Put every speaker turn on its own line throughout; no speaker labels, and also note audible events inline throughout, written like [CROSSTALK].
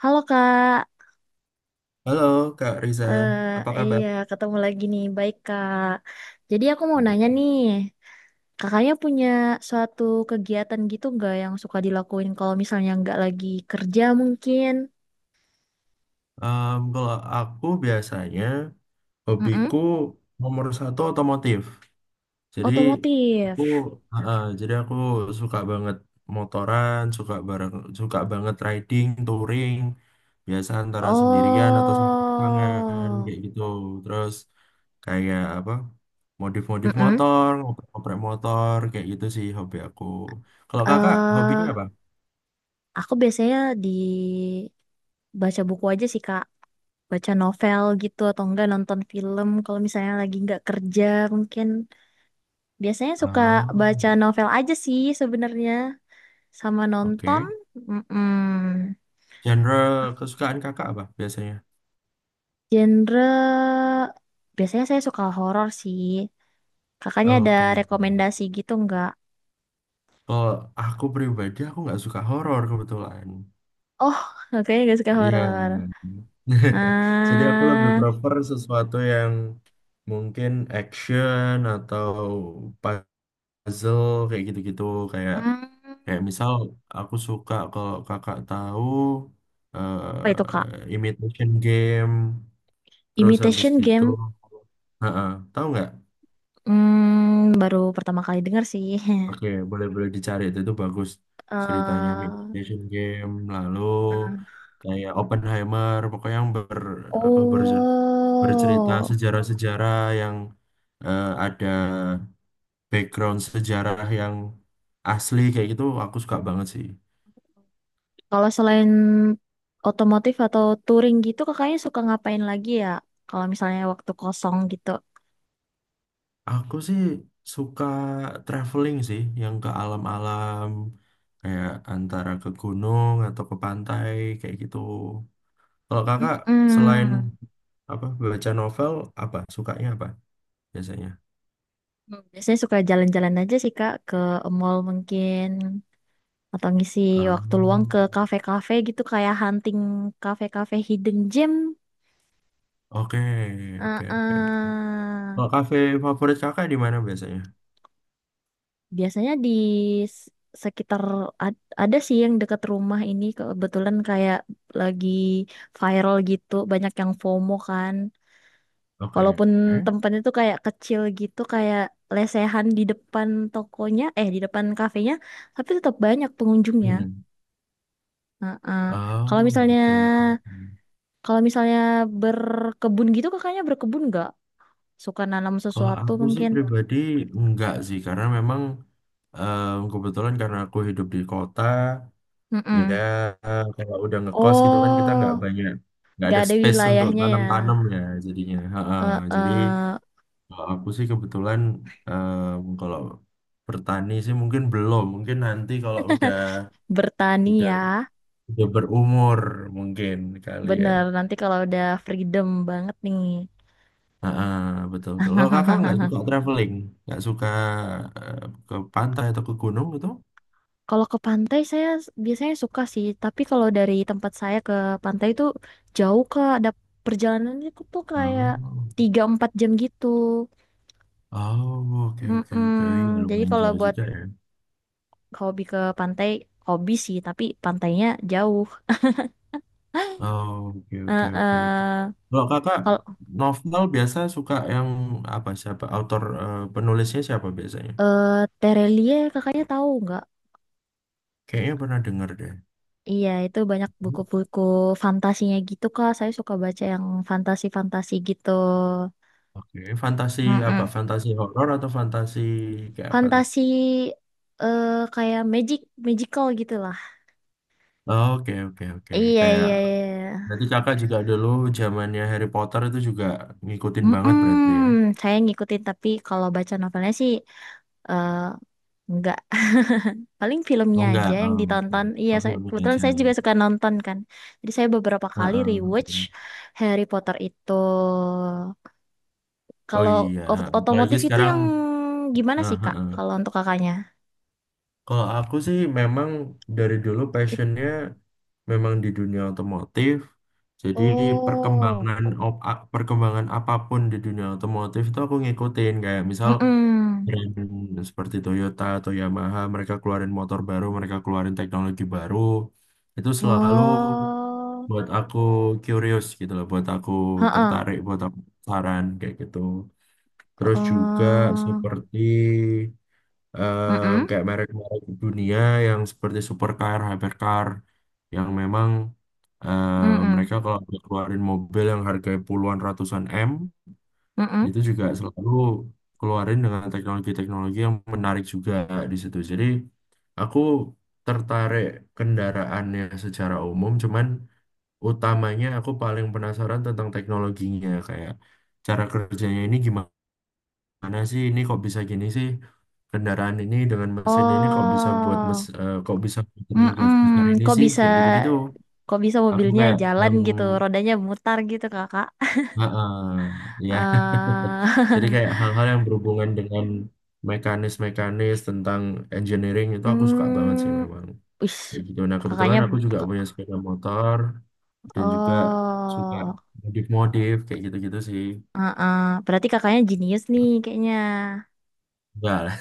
Halo Kak,
Halo Kak Riza,
Eh
apa kabar?
iya ketemu lagi nih. Baik Kak. Jadi aku mau nanya
Gitu.
nih, kakaknya punya suatu kegiatan gitu nggak yang suka dilakuin kalau misalnya nggak lagi kerja mungkin?
Kalau aku biasanya
Mm-mm.
hobiku nomor satu otomotif. Jadi aku
Otomotif.
aku suka banget motoran, suka bareng, suka banget riding, touring. Biasa antara sendirian atau sama pasangan
Oh,
kayak gitu. Terus kayak apa? Modif-modif
mm
motor, ngoprek-ngoprek motor kayak gitu sih hobi aku. Kalau kakak hobinya apa?
aku biasanya di baca buku aja sih Kak, baca novel gitu atau enggak nonton film kalau misalnya lagi nggak kerja mungkin. Biasanya suka
Oh,
baca novel aja sih sebenarnya sama nonton.
oke.
Mm
Genre kesukaan kakak apa biasanya?
Genre biasanya saya suka horor sih. Kakaknya ada
Oke.
rekomendasi gitu nggak?
Kalau aku pribadi aku nggak suka horor kebetulan.
Oh, kakaknya nggak suka
Iya.
horor.
[LAUGHS] Jadi aku lebih
Nah,
prefer sesuatu yang mungkin action atau puzzle kayak gitu-gitu kayak
hmm,
kayak misal aku suka kalau kakak tahu
apa itu Kak?
Imitation Game, terus habis
Imitation
gitu,
Game.
heeh, tahu nggak?
Hmm, baru pertama kali dengar sih. [LAUGHS]
Oke, boleh-boleh dicari itu bagus ceritanya
eh
Meditation Game, lalu
nah,
kayak Oppenheimer, pokoknya yang apa berje- bercerita
oh.
sejarah-sejarah yang ada background sejarah yang asli kayak gitu aku suka banget sih.
Kalau selain otomotif atau touring gitu, kakaknya suka ngapain lagi ya? Kalau misalnya waktu kosong gitu.
Aku sih suka traveling sih yang ke alam-alam kayak antara ke gunung atau ke pantai kayak gitu. Kalau kakak selain
Mm-mm.
apa baca novel apa sukanya apa biasanya?
Hmm, biasanya suka jalan-jalan aja sih Kak, ke mall mungkin. Atau ngisi waktu luang
Oh,
ke kafe-kafe gitu, kayak hunting kafe-kafe hidden gem.
oke oke oke oke.
Uh-uh.
Kalau kafe favorit kakak di mana biasanya?
Biasanya di s- sekitar ada sih yang dekat rumah ini kebetulan kayak lagi viral gitu, banyak yang FOMO kan.
Oke.
Walaupun tempatnya tuh kayak kecil gitu, kayak lesehan di depan tokonya, eh di depan kafenya, tapi tetap banyak pengunjungnya.
Hmm.
Heeh.
Oh,
Kalau misalnya
oke oke.
kalau misalnya berkebun gitu, kakaknya berkebun nggak? Suka nanam
Kalau
sesuatu
aku sih
mungkin?
pribadi enggak sih, karena memang kebetulan karena aku hidup di kota ya,
Mm-mm.
kalau udah ngekos gitu kan kita
Oh,
nggak banyak, nggak
nggak
ada
ada
space untuk
wilayahnya ya.
tanam-tanam ya jadinya. Ha-ha. Jadi,
Heeh.
kalau aku sih kebetulan kalau bertani sih mungkin belum. Mungkin nanti kalau
Bertani
udah
ya.
udah berumur mungkin kali ya.
Bener, nanti kalau udah freedom banget nih.
Ah, ah, betul betul. Kalau kakak
[LAUGHS]
nggak suka traveling, nggak suka eh, ke pantai atau ke gunung gitu?
Kalau ke pantai saya biasanya suka sih, tapi kalau dari tempat saya ke pantai itu jauh Kak, ada perjalanannya tuh kayak
Oh,
3 4 jam gitu.
oh, oke oke oke. Ya
Mm-mm. Jadi
lumayan
kalau
jauh
buat
juga ya.
hobi ke pantai, hobi sih, tapi pantainya jauh. [LAUGHS]
Oh, oke oke
eh
oke oke.
eh,
Kalau kakak
kalau
novel biasa suka yang apa, siapa? Penulisnya siapa biasanya?
eh Terelie kakaknya tahu nggak?
Kayaknya pernah denger deh.
Iya, itu banyak buku-buku fantasinya gitu Kak. Saya suka baca yang fantasi-fantasi gitu.
Oke, fantasi apa? Fantasi horor atau fantasi kayak apa tuh?
Fantasi kayak magic, magical gitu lah.
Oh, oke, oke, oke.
Iya,
Kayak
iya, iya.
berarti kakak juga dulu zamannya Harry Potter itu juga ngikutin banget berarti ya?
Mm-mm, saya ngikutin tapi kalau baca novelnya sih eh enggak. [LAUGHS] Paling filmnya
Oh enggak,
aja yang
oh, oke.
ditonton. Iya,
Oh, filmnya
kebetulan
aja.
saya juga suka nonton kan. Jadi saya beberapa
Heeh,
kali rewatch
heeh.
Harry Potter itu.
Oh
Kalau
iya, apalagi
otomotif itu
sekarang.
yang gimana
eh,
sih, Kak?
heeh.
Kalau untuk kakaknya?
Kalau aku sih memang dari dulu
It-
passionnya memang di dunia otomotif. Jadi
oh,
perkembangan apapun di dunia otomotif itu aku ngikutin kayak misal
mm-mm.
brand seperti Toyota atau Yamaha, mereka keluarin motor baru, mereka keluarin teknologi baru, itu selalu
Oh,
buat aku curious gitu loh, buat aku
heeh.
tertarik, buat aku saran kayak gitu. Terus juga
Oh,
seperti
mm-mm,
kayak merek-merek dunia yang seperti supercar, hypercar, yang memang eh,
mm-mm,
mereka kalau keluarin mobil yang harganya puluhan ratusan M,
mm-mm,
itu juga selalu keluarin dengan teknologi-teknologi yang menarik juga di situ. Jadi aku tertarik kendaraannya secara umum, cuman utamanya aku paling penasaran tentang teknologinya, kayak cara kerjanya ini gimana sih? Ini kok bisa gini sih? Kendaraan ini dengan mesin ini
oh,
kok bisa buat tenaga sebesar
mm-mm.
ini
Kok
sih?
bisa,
Kayak gitu-gitu.
kok bisa
Aku
mobilnya
kayak
jalan
yang,
gitu, rodanya mutar gitu kakak.
heeh, ya. [LAUGHS]
Eh
Jadi kayak hal-hal yang berhubungan dengan mekanis-mekanis tentang engineering
[LAUGHS]
itu aku suka banget sih
hmm,
memang,
wis,
kayak gitu. Nah,
kakaknya,
kebetulan aku juga punya
k-
sepeda motor dan juga suka
oh,
modif-modif kayak gitu-gitu sih.
uh-uh. Berarti kakaknya jenius nih kayaknya.
Enggak lah.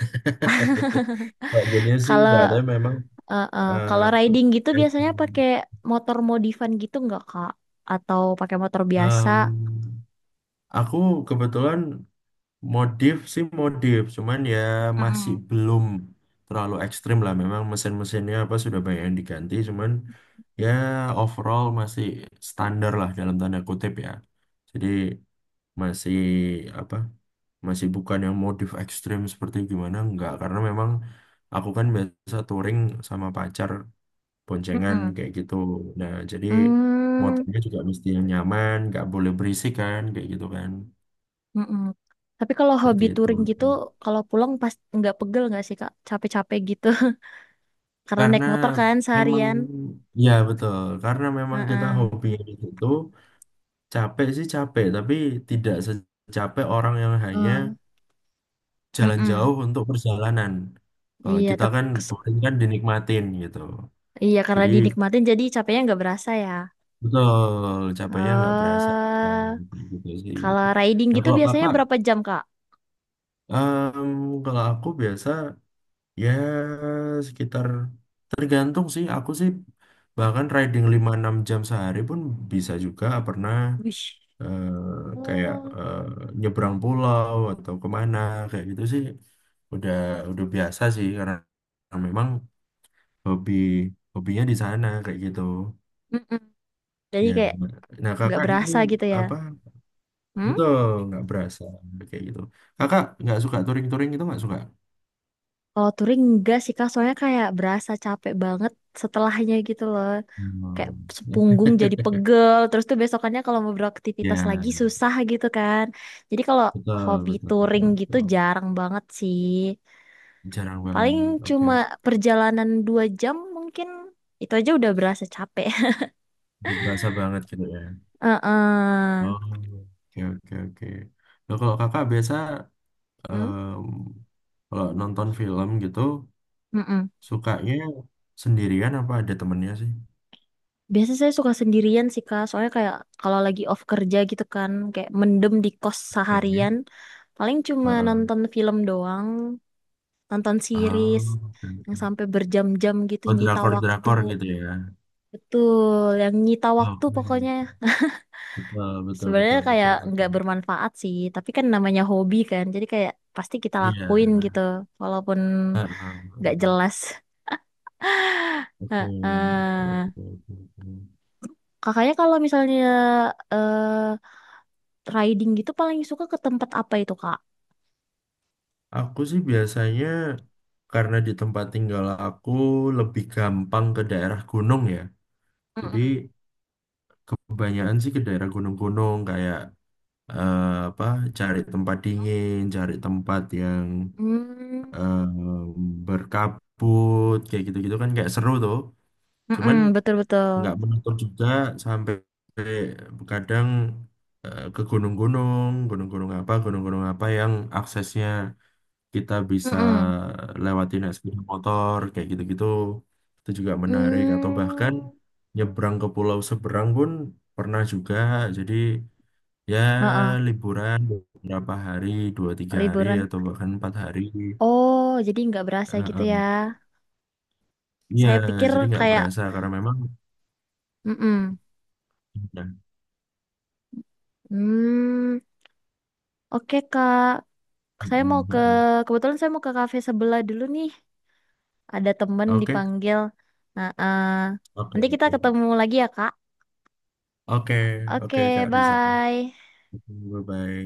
[LAUGHS] Kalau dunia sih enggak,
Kalau
tapi memang
uh-uh.
eh,
Kalau riding gitu biasanya pakai motor modifan gitu nggak kak? Atau pakai motor biasa?
em, aku kebetulan. Modif sih modif, cuman ya masih
Mm-mm.
belum terlalu ekstrim lah. Memang mesin-mesinnya apa sudah banyak yang diganti, cuman ya overall masih standar lah dalam tanda kutip ya. Jadi masih apa? Masih bukan yang modif ekstrim seperti gimana enggak, karena memang aku kan biasa touring sama pacar boncengan
Mm-mm.
kayak gitu. Nah, jadi
Hmm,
motornya juga mesti yang nyaman, nggak boleh berisik kan, kayak gitu kan,
mm-mm. Tapi kalau
seperti
hobi
itu.
touring gitu, kalau pulang pas nggak pegel nggak sih Kak? Capek-capek gitu. [LAUGHS] Karena naik
Karena
motor kan
memang
seharian.
ya betul, karena memang kita
Heeh.
hobi itu, capek sih capek, tapi tidak secapek orang yang hanya
Eh,
jalan
mm-mm.
jauh untuk perjalanan. Kalau
Iya,
kita
tapi
kan bukan, kan dinikmatin gitu.
iya karena
Jadi
dinikmatin jadi capeknya nggak berasa ya.
betul, capeknya nggak berasa
Eh,
gitu sih.
kalau riding
Nah
gitu
kalau
biasanya
kakak,
berapa jam Kak?
kalau aku biasa, ya, sekitar tergantung sih. Aku sih bahkan riding 5 6 jam sehari pun bisa juga pernah,
Wih.
eh, kayak
Oh,
nyebrang pulau atau kemana kayak gitu sih. Udah udah biasa sih karena memang hobi hobinya di sana kayak gitu.
mm-mm. Jadi
Ya,
kayak
nah
nggak
kakak ini
berasa gitu ya.
apa?
Hmm?
Betul, nggak berasa kayak gitu. Kakak nggak suka touring-touring itu nggak suka?
Kalau touring enggak sih Kak, soalnya kayak berasa capek banget setelahnya gitu loh.
Hmm.
Kayak sepunggung jadi pegel terus tuh besokannya kalau mau
[LAUGHS]
beraktivitas lagi
Ya.
susah gitu kan jadi kalau
Betul,
hobi
betul,
touring
betul,
gitu
betul.
jarang banget sih
Jarang
paling
banget. Oke,
cuma
oke.
perjalanan 2 jam mungkin itu aja udah berasa capek.
Berasa banget gitu ya.
[LAUGHS] Heeh.
Oh, oke, oke, oke. Nah, kalau kakak biasa,
Hmm?
em, kalau nonton film gitu,
Mm-mm.
sukanya sendirian apa ada temennya sih?
Biasanya saya suka sendirian sih Kak, soalnya kayak kalau lagi off kerja gitu kan, kayak mendem di kos
Ini.
seharian, paling cuma
Heeh.
nonton film doang, nonton
Oh,
series
oke,
yang
oke.
sampai berjam-jam gitu
Oh,
nyita waktu.
drakor-drakor gitu ya.
Betul, yang nyita waktu pokoknya.
Oke. Betul, betul,
Sebenarnya
betul,
kayak
betul,
nggak
betul.
bermanfaat sih, tapi kan namanya hobi kan, jadi kayak pasti kita lakuin
Iya.
gitu, walaupun nggak
Heeh.
jelas.
Oke,
Heeh.
oke, oke, oke.
Kakaknya kalau misalnya eh riding gitu paling suka ke tempat apa itu, Kak?
Aku sih biasanya karena di tempat tinggal aku lebih gampang ke daerah gunung ya. Jadi
Mm-mm.
kebanyakan sih ke daerah gunung-gunung kayak, eh, apa, cari tempat dingin, cari tempat yang
Hmm,
eh, berkabut kayak gitu-gitu kan, kayak seru tuh. Cuman
mm-mm, betul-betul.
nggak menutup juga sampai kadang ke gunung-gunung, gunung-gunung apa yang aksesnya kita bisa
Mm-mm.
lewatin sepeda motor kayak gitu-gitu itu juga menarik, atau bahkan
Hmm,
nyebrang ke pulau seberang pun pernah juga. Jadi ya
heeh,
liburan beberapa hari, 2 3 hari
liburan.
atau bahkan 4 hari.
Oh, jadi nggak
Eh,
berasa gitu
eh.
ya.
Iya,
Saya pikir
jadi nggak
kayak,
berasa karena memang.
mm-mm.
Nah,
Hmm. Oke Kak,
mm,
saya mau
mm,
ke
mm.
kebetulan saya mau ke kafe sebelah dulu nih. Ada temen
Oke
dipanggil. Nah,
oke
nanti kita
oke
ketemu lagi ya Kak.
oke oke,
Oke,
Kak Rizal,
bye.
bye bye.